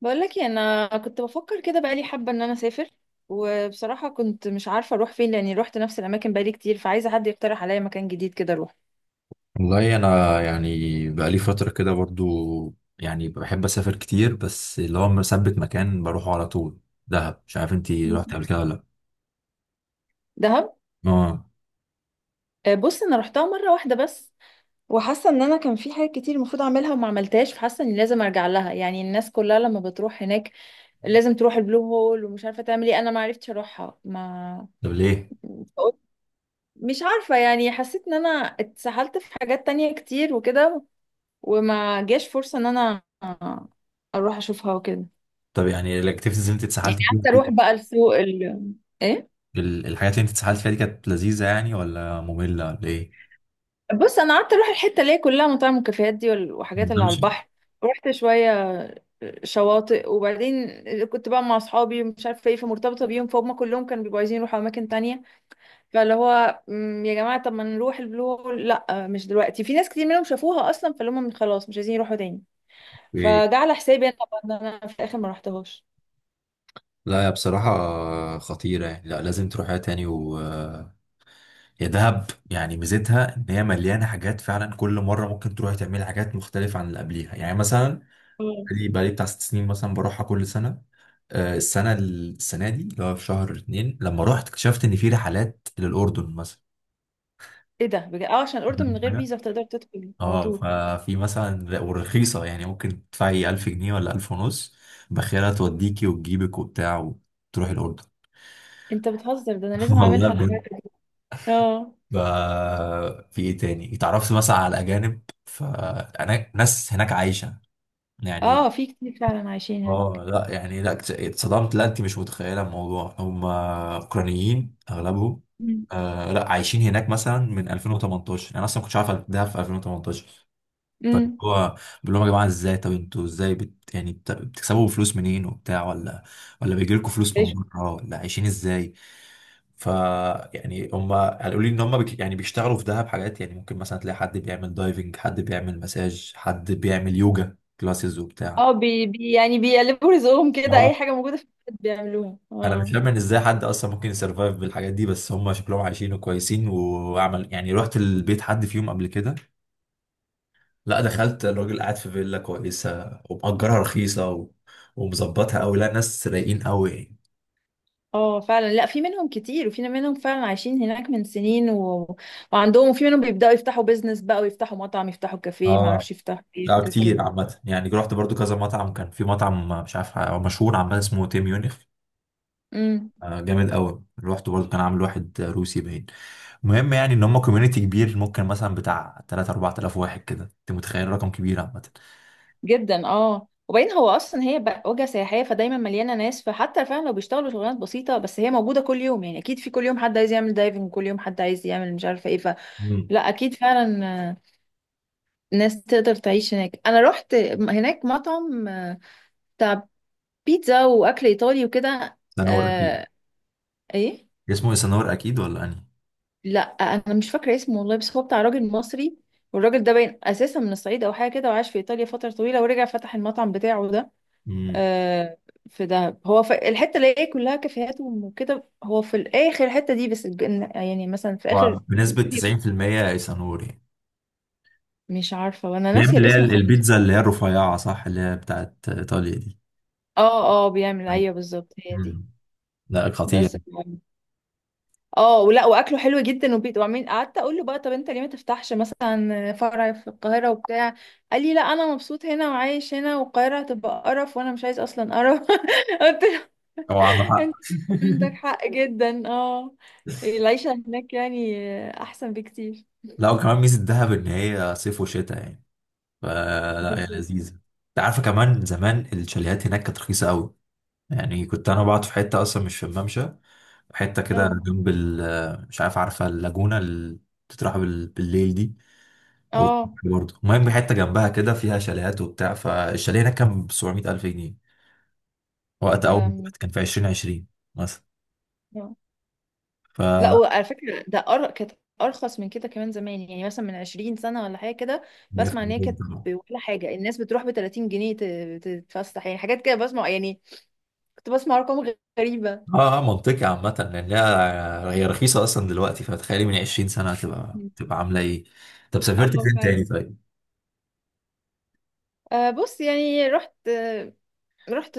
بقولك إيه، انا كنت بفكر كده بقالي حابه ان انا اسافر. وبصراحه كنت مش عارفه اروح فين لاني روحت نفس الاماكن بقالي كتير، فعايزه حد يقترح عليا مكان جديد كده اروح. والله انا يعني بقالي فتره كده برضو. يعني بحب اسافر كتير، بس اللي هو مثبت مكان بروحه على طول. دهب، مش عارف انتي مم. رحت قبل كده ولا لا؟ دهب. اه. آه، بص انا روحتها مره واحده بس. وحاسه ان انا كان في حاجات كتير المفروض اعملها وما عملتهاش، فحاسه اني لازم ارجع لها. يعني الناس كلها لما بتروح هناك لازم تروح البلو هول، ومش عارفه تعمل ايه، انا ما عرفتش اروحها ما. طب ليه؟ فقلت- مش عارفه، يعني حسيت ان انا اتسحلت في حاجات تانية كتير وكده، وما جاش فرصة ان انا اروح اشوفها وكده. طب يعني الاكتيفيتيز اللي انت يعني اتسحلت فيها قعدت دي، اروح بقى السوق ايه. الحاجات اللي انت اتسحلت فيها دي كانت لذيذه يعني ولا ممله ولا ايه؟ بص انا قعدت اروح الحتة اللي هي كلها مطاعم وكافيهات دي وحاجات اللي على بمشي. البحر. رحت شوية شواطئ، وبعدين كنت بقى مع اصحابي ومش عارفه ايه، فمرتبطه بيهم، فهم كلهم كانوا بيبقوا عايزين يروحوا اماكن تانية. فاللي هو يا جماعه طب ما نروح البلو هول. لا مش دلوقتي، في ناس كتير منهم شافوها اصلا فاللي هم خلاص مش عايزين يروحوا تاني. ايه. فجعل حسابي انا طبعا إن انا في الاخر ما رحتهاش. لا، يا بصراحه خطيره يعني، لا لازم تروحها تاني و يا دهب. يعني ميزتها ان هي مليانه حاجات فعلا، كل مره ممكن تروحي تعملي حاجات مختلفه عن اللي قبليها. يعني مثلا بقالي بتاع ست سنين مثلا بروحها كل سنة. آه، السنة دي اللي هو في شهر اتنين لما رحت اكتشفت إن في رحلات للأردن مثلا. ايه ده بجد. اه عشان الاردن من فاهم غير حاجة؟ فيزا بتقدر تدخل على اه، طول. ففي مثلا ورخيصة، يعني ممكن تدفعي 1000 جنيه ولا 1000 ونص، باخرة توديكي وتجيبك وبتاع وتروحي الأردن. انت بتهزر؟ ده انا لازم والله اعملها بجد. الحركه دي. اه. ف- في ايه تاني، اتعرفت مثلا على الأجانب، فأنا ناس هناك عايشة يعني. اه في كتير فعلا عايشين هناك. اه لا يعني، لا اتصدمت، لا انت مش متخيله الموضوع، هم اوكرانيين اغلبهم. امم. آه، لا عايشين هناك مثلا من 2018، انا اصلا ما كنتش عارف ده في 2018. فاللي أمم. هو بقول لهم يا جماعه ازاي، طب انتوا ازاي بتكسبوا فلوس منين وبتاع، ولا ولا بيجي لكم فلوس من عيشوا. بره، ولا عايشين ازاي؟ ف يعني هم قالوا لي ان هم بك يعني بيشتغلوا في دهب حاجات، يعني ممكن مثلا تلاقي حد بيعمل دايفنج، حد بيعمل مساج، حد بيعمل يوجا كلاسز وبتاع. اه، بي يعني بيقلبوا رزقهم كده، اي حاجه موجوده في البلد بيعملوها. انا مش اه. فاهم ان ازاي حد اصلا ممكن يسرفايف بالحاجات دي، بس هم شكلهم عايشين وكويسين. وعمل يعني، رحت البيت حد فيهم قبل كده، لا دخلت الراجل قاعد في فيلا كويسه ومأجرها رخيصه و... ومظبطها قوي. لا ناس رايقين قوي يعني. اه فعلا، لا في منهم كتير، وفي منهم فعلا عايشين هناك من سنين وعندهم. وفي منهم بيبداوا يفتحوا بيزنس بقى، ويفتحوا مطعم، يفتحوا كافيه، ما اه اعرفش يفتحوا ايه لا حاجات كتير عامه. يعني رحت برضو كذا مطعم، كان في مطعم مش عارف هو مشهور عامه، اسمه تيم يونيخ. كده. آه جامد قوي. رحت برضو كان عامل واحد روسي باين. المهم يعني ان هم كوميونيتي كبير، ممكن مثلا بتاع 3 4000 واحد كده، انت متخيل رقم كبير عامه. جدا. اه وبعدين هو اصلا هي بقى وجهه سياحيه، فدايما مليانه ناس، فحتى فعلا لو بيشتغلوا شغلانات بسيطه بس هي موجوده كل يوم، يعني اكيد في كل يوم حد عايز يعمل دايفنج، كل يوم حد عايز يعمل مش عارفه ايه، فلا مم. اكيد فعلا. آه، ناس تقدر تعيش هناك. انا رحت هناك مطعم بتاع بيتزا واكل ايطالي وكده. سنور اكيد. آه. ايه. اسمه سنور اكيد ولا انهي؟ لا انا مش فاكره اسمه والله، بس هو بتاع راجل مصري. والراجل ده باين اساسا من الصعيد او حاجه كده، وعاش في ايطاليا فتره طويله ورجع فتح المطعم بتاعه ده. امم. آه، في دهب، هو في الحته اللي هي كلها كافيهات وكده، هو في الاخر الحته دي، بس يعني مثلا في اخر. هو بنسبة 90% ايسانور يعني، مش عارفه وانا بيعمل ناسيه اللي هي الاسم خالص. البيتزا اللي هي الرفيعة، صح؟ اللي هي بتاعت ايطاليا دي. اه اه بيعمل. ايوه بالظبط هي دي. امم. لا خطير. بس. اه ولا واكله حلو جدا. وبيت وعمين قعدت اقول له بقى طب انت ليه ما تفتحش مثلا فرع في القاهره وبتاع. قال لي لا انا مبسوط هنا وعايش هنا، والقاهره هتبقى قرف وانا مش عايز اصلا قرف. قلت هو عنده حق. انت عندك حق جدا. اه. العيشة هناك يعني احسن بكتير. لا وكمان ميزة دهب ان هي صيف وشتاء يعني، فلا هي بالظبط. لذيذة. انت عارفة كمان زمان الشاليهات هناك كانت رخيصة قوي. يعني كنت انا بقعد في حتة اصلا مش في الممشى، حتة كده اه جنب ال، مش عارف، عارفة اللاجونة اللي بتتراح بالليل دي او اه. الصبح برضه؟ المهم حته جنبها كده فيها شاليهات وبتاع، فالشاليه هناك كان ب 700 الف جنيه وقت ده اول ما رحت، من- كان في 2020 مثلا. آه. لا فلا وعلى فكرة ده كانت أرخص من كده كمان زمان، يعني مثلا من 20 سنة ولا حاجة كده. بسمع إن هي 100%. كانت طبعا. ولا حاجة، الناس بتروح ب 30 جنيه تتفسح، يعني حاجات كده بسمع يعني. كنت بسمع أرقام غريبة. اه، آه، منطقي عامة لان هي هي رخيصة اصلا دلوقتي، فتخيلي من 20 سنة تبقى عاملة ايه. طب سافرت اه فين تاني فعلا. طيب؟ آه، بص يعني رحت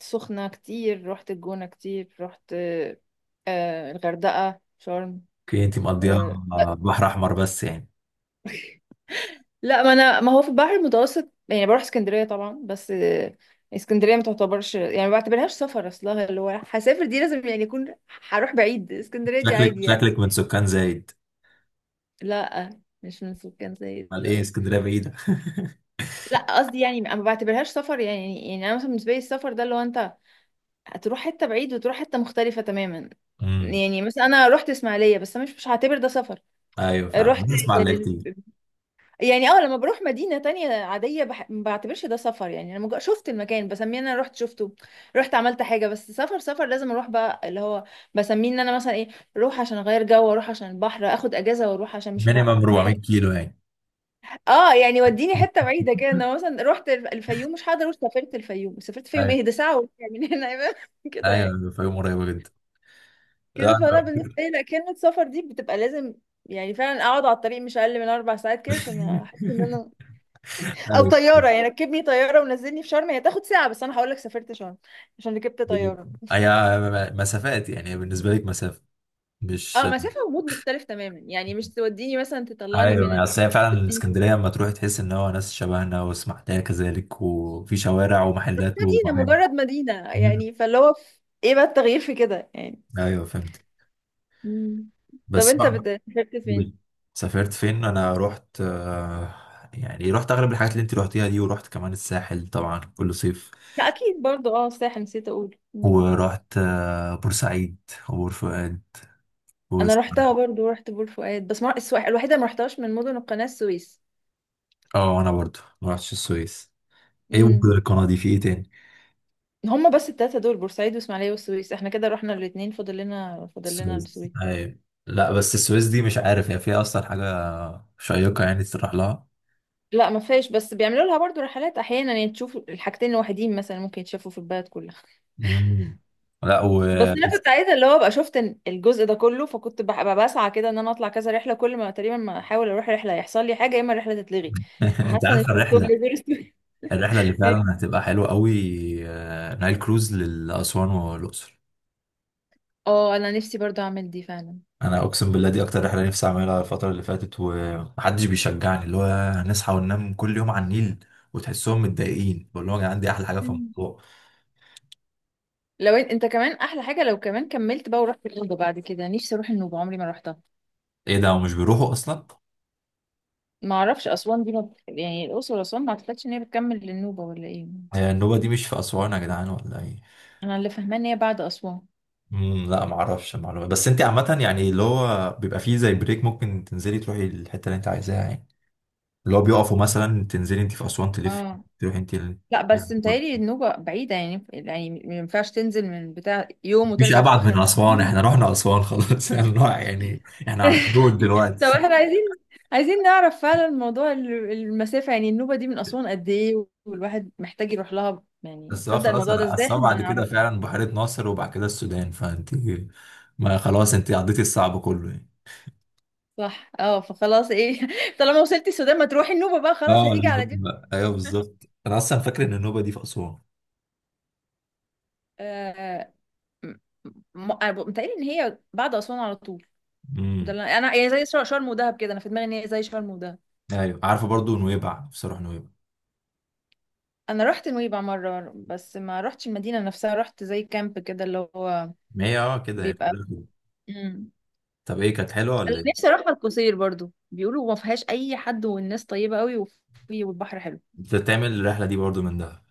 سخنة كتير، رحت الجونة كتير، رحت الغردقة، شرم. اوكي انت مقضيها. آه، آه، بحر احمر بس يعني. لا، ما انا ما هو في البحر المتوسط، يعني بروح اسكندرية طبعا، بس اسكندرية ما تعتبرش، يعني ما بعتبرهاش سفر. اصلها اللي هو هسافر دي لازم يعني يكون هروح بعيد. اسكندرية دي شكلك عادي يعني. شكلك من سكان زايد. لا، مش من سكان زايد، امال ايه، لا. اسكندرية بعيدة؟ لا قصدي يعني ما بعتبرهاش سفر يعني انا مثلا بالنسبة لي السفر ده اللي هو انت هتروح حتة بعيد وتروح حتة مختلفة تماما. امم. يعني مثلا انا رحت اسماعيلية بس انا مش هعتبر ده سفر. ايوه فعلا رحت بنسمع اللي كتير. يعني، لما بروح مدينة تانية عادية ما بعتبرش ده سفر، يعني انا مجرد شفت المكان بسميه ان انا رحت شفته، رحت عملت حاجة. بس سفر سفر لازم اروح بقى اللي هو بسميه ان انا مثلا ايه، اروح عشان اغير جو، اروح عشان البحر، اخد اجازة، واروح عشان مش مينيمم 400 كيلو يعني. اه يعني وديني حتة بعيدة كده. انا مثلا رحت الفيوم. مش هقدر اروح. سافرت الفيوم، سافرت الفيوم، ايوه، ايه ده، ساعة وراجع من هنا يبقى كده يعني. ايوه، فيوم قريبة جدا. كده لا. فانا بالنسبة لي لا، كلمة سفر دي بتبقى لازم يعني فعلا اقعد على الطريق مش اقل من اربع ساعات كده عشان احس ان انا. او أيوة. طياره، يعني ركبني طياره ونزلني في شرم، هي تاخد ساعه بس انا هقول لك سافرت شرم عشان ركبت طياره. هي مسافات يعني، بالنسبة لك مسافة مش، اه، مسافه ومود مختلف تماما يعني. مش توديني مثلا تطلعني ايوه. من يعني اصل هي فعلا توديني- الاسكندريه لما تروح تحس ان هو ناس شبهنا، واسماعيليه كذلك، وفي شوارع ومحلات مدينه، ومحل. مجرد مدينه مم. يعني، فاللي هو ايه بقى التغيير في كده يعني. ايوه فهمت. مم. طب بس انت بقى، سافرت فين. سافرت فين انا؟ رحت آه، يعني رحت اغلب الحاجات اللي انت رحتيها دي، ورحت كمان الساحل طبعا كل صيف. لا اكيد برضو، الساحل نسيت اقول. مم. ورحت آه، بورسعيد وبور فؤاد و انا رحتها برضو، رحت بور فؤاد بس ما... الوحيده ما رحتهاش من مدن القناه السويس. اه انا برضو ما رحتش السويس. ايه ممكن مم. القناه دي في ايه تاني؟ هما بس التلاتة دول بورسعيد واسماعيلية والسويس، احنا كده رحنا الاتنين، فاضل لنا السويس السويس. ايوه. لا بس السويس دي مش عارف هي فيها اصلا حاجه شيقه يعني تروح لها. لا ما فيهاش، بس بيعملوا لها برضو رحلات احيانا، يعني تشوف الحاجتين لوحدين مثلا ممكن يتشافوا في البلد كلها. مم. لا و بس انا كنت بس. عايزه اللي هو ابقى شفت إن الجزء ده كله، فكنت ببقى بسعى كده ان انا اطلع كذا رحله، كل ما تقريبا ما احاول اروح رحله يحصل لي حاجه، يا اما الرحله تتلغي. انت فحاسه عارف ان مكتوب الرحله، لي زيرو ستوري. الرحله اللي فعلا هتبقى حلوه قوي، آه، نايل كروز لاسوان والاقصر. اه انا نفسي برضو اعمل دي فعلا. انا مم. اقسم بالله دي اكتر رحله نفسي اعملها الفتره اللي فاتت، ومحدش بيشجعني. اللي هو هنصحى وننام كل يوم على النيل، وتحسهم متضايقين. بقول لهم يا جدعان دي احلى حاجه في مم. الموضوع. لو انت كمان احلى حاجه، لو كمان كملت بقى ورحت النوبه بعد كده. نفسي اروح النوبه عمري ما رحتها. ايه ده ومش بيروحوا اصلا؟ ما اعرفش اسوان دي ما... يعني الاقصر واسوان ما اعتقدش ان هي بتكمل للنوبه ولا ايه. هي النوبه دي مش في اسوان يا جدعان ولا ايه؟ انا اللي فاهمه ان هي بعد اسوان. امم. لا ما اعرفش المعلومه، بس انت عامه يعني اللي هو بيبقى فيه زي بريك، ممكن تنزلي تروحي الحته اللي انت عايزاها يعني. اللي هو بيقفوا مثلا، تنزلي انت في اسوان، تلفي اه، تروحي انت ال... لا بس متهيألي النوبة بعيدة يعني، يعني ما ينفعش تنزل من بتاع يوم مفيش وترجع في ابعد آخر من اسوان، النهار. احنا رحنا اسوان خلاص. يعني يعني احنا على الحدود طب دلوقتي. احنا عايزين نعرف فعلا موضوع المسافة، يعني النوبة دي من أسوان قد ايه، والواحد محتاج يروح لها يعني. بس هو تصدق خلاص، الموضوع ده انا ازاي، اسوان احنا ما بعد كده نعرفش. فعلا بحيره ناصر، وبعد كده السودان، فانت ما خلاص انت عديتي الصعب كله يعني. صح، اه. فخلاص ايه، طالما وصلتي السودان، ما تروحي النوبة بقى، خلاص اه هتيجي على دي. ايوه بالظبط، انا اصلا فاكر ان النوبه دي في اسوان. م- أنا متهيألي ان هي بعد أسوان على طول. ده امم. اللي انا يعني زي شرم ودهب كده، انا في دماغي ان هي زي شرم ودهب. ايوه عارفه، برضو نويبع نفسي اروح نويبع. انا رحت نويبع مره بس ما رحتش المدينه نفسها، رحت زي كامب كده، اللي هو ما هي اه كده هي بيبقى كلها كده. امم طب ايه، كانت حلوه انا ولا ايه؟ نفسي اروح القصير برضو، بيقولوا ما فيهاش اي حد والناس طيبه قوي، وفي والبحر حلو. انت تعمل الرحله دي برضو من دهب.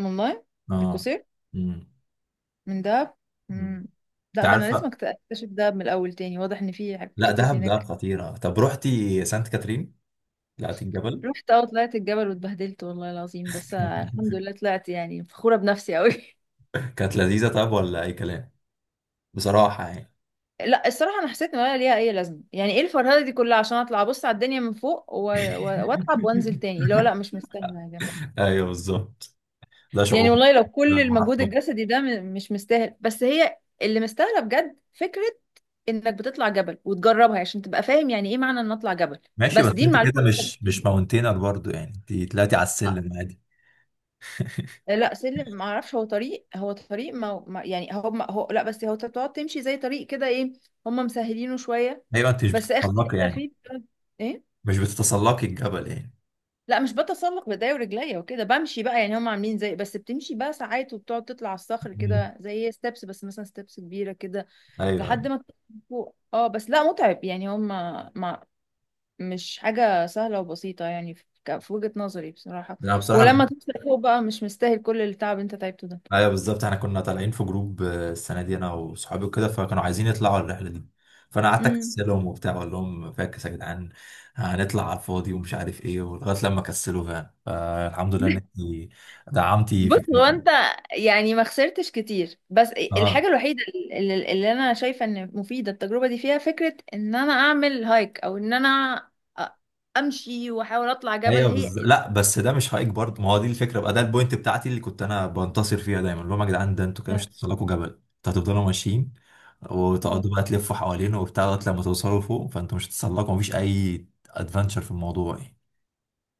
والله اه. القصير امم. من دهب. أمم. امم. انت لا ده انا لازم عارفه اكتشف دهب من الاول تاني، واضح ان في حاجات لا، كتير دهب دهب هناك. خطيره. طب روحتي سانت كاترين، طلعتي الجبل؟ رحت، طلعت الجبل واتبهدلت والله العظيم، بس الحمد لله طلعت يعني فخوره بنفسي قوي. كانت لذيذه طب ولا اي كلام، بصراحه يعني؟ لا الصراحة أنا حسيت إن ولا ليها أي لازمة، يعني إيه الفرهدة دي كلها عشان أطلع أبص على الدنيا من فوق وأتعب وأنزل تاني اللي هو، لا مش مستاهلة يا جماعة. ايوه بالظبط، ده يعني شعور. والله لو كل لا، ما المجهود أعرفش. الجسدي ده مش مستاهل، بس هي اللي مستاهلة بجد فكرة إنك بتطلع جبل وتجربها عشان تبقى فاهم يعني إيه معنى إن أطلع جبل. ماشي، بس بس دي انت المعلومة كده اللي أنت مش بتستفيد ماونتينر برضو يعني، انت طلعتي على بيها. السلم عادي. آه، لا سلم ما اعرفش، هو طريق، هو طريق يعني هو ما هو لا، بس هو انت بتقعد تمشي زي طريق كده. ايه، هم مسهلينه شويه. ايوه انت مش بس اخر بتتسلقي حته يعني، فيه ايه. مش بتتسلقي الجبل يعني. لا مش بتسلق بايديا ورجليا وكده، بمشي بقى يعني، هم عاملين زي، بس بتمشي بقى ساعات وبتقعد تطلع على الصخر أمم. كده زي ستيبس، بس مثلا ستيبس كبيره كده ايوه ايوه. لحد ما توصل فوق. اه بس لا متعب يعني، هم ما مش حاجه سهله وبسيطه يعني في في وجهه نظري بصراحه. انا بصراحه، ولما توصل فوق بقى مش مستاهل كل التعب اللي انت تعبته ده. ايوه بالظبط. احنا كنا طالعين في جروب آه، السنه دي انا وصحابي وكده، فكانوا عايزين يطلعوا الرحله دي، فانا قعدت امم. اكسلهم وبتاع، اقول لهم فاكس يا جدعان، هنطلع على الفاضي ومش عارف ايه. ولغايه لما كسلوا فعلا، فالحمد لله انك دعمتي بص، هو فكرتي. انت يعني ما خسرتش كتير، بس الحاجة اه الوحيدة اللي انا شايفة ان مفيدة التجربة دي فيها فكرة ان انا اعمل هايك، او ان انا أ- امشي واحاول اطلع جبل ايوه هي. لا بس ده مش هايك برضه. ما هو دي الفكره بقى، ده البوينت بتاعتي اللي كنت انا بنتصر فيها دايما، اللي هم يا جدعان ده انتوا كده مش لا. هتوصلكوا جبل، انتوا هتفضلوا ماشيين مم. وتقعدوا بقى تلفوا حوالينه وبتاع لغايه لما توصلوا فوق، فانتوا مش هتتسلقوا، مفيش اي ادفنتشر في الموضوع يعني.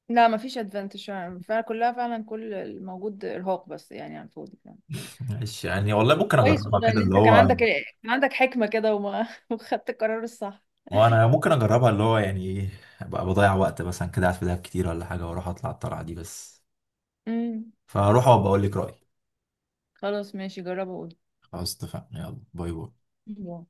لا مفيش ادفانتج فعلا فعلا، كلها فعلا كل الموجود ارهاق بس يعني على الفاضي فعلا. ماشي يعني والله ممكن كويس اجربها والله كده ان انت اللي هو، كان عندك حكمة كده وما وخدت القرار الصح. وانا ممكن اجربها اللي هو يعني ايه، ابقى بضيع وقت مثلا كده قاعد في دهب كتير ولا حاجه، واروح اطلع الطلعه دي بس، امم. فاروح وابقى اقول لك رايي. خلاص ماشي جربه. خلاص اتفقنا، يلا باي باي. وقول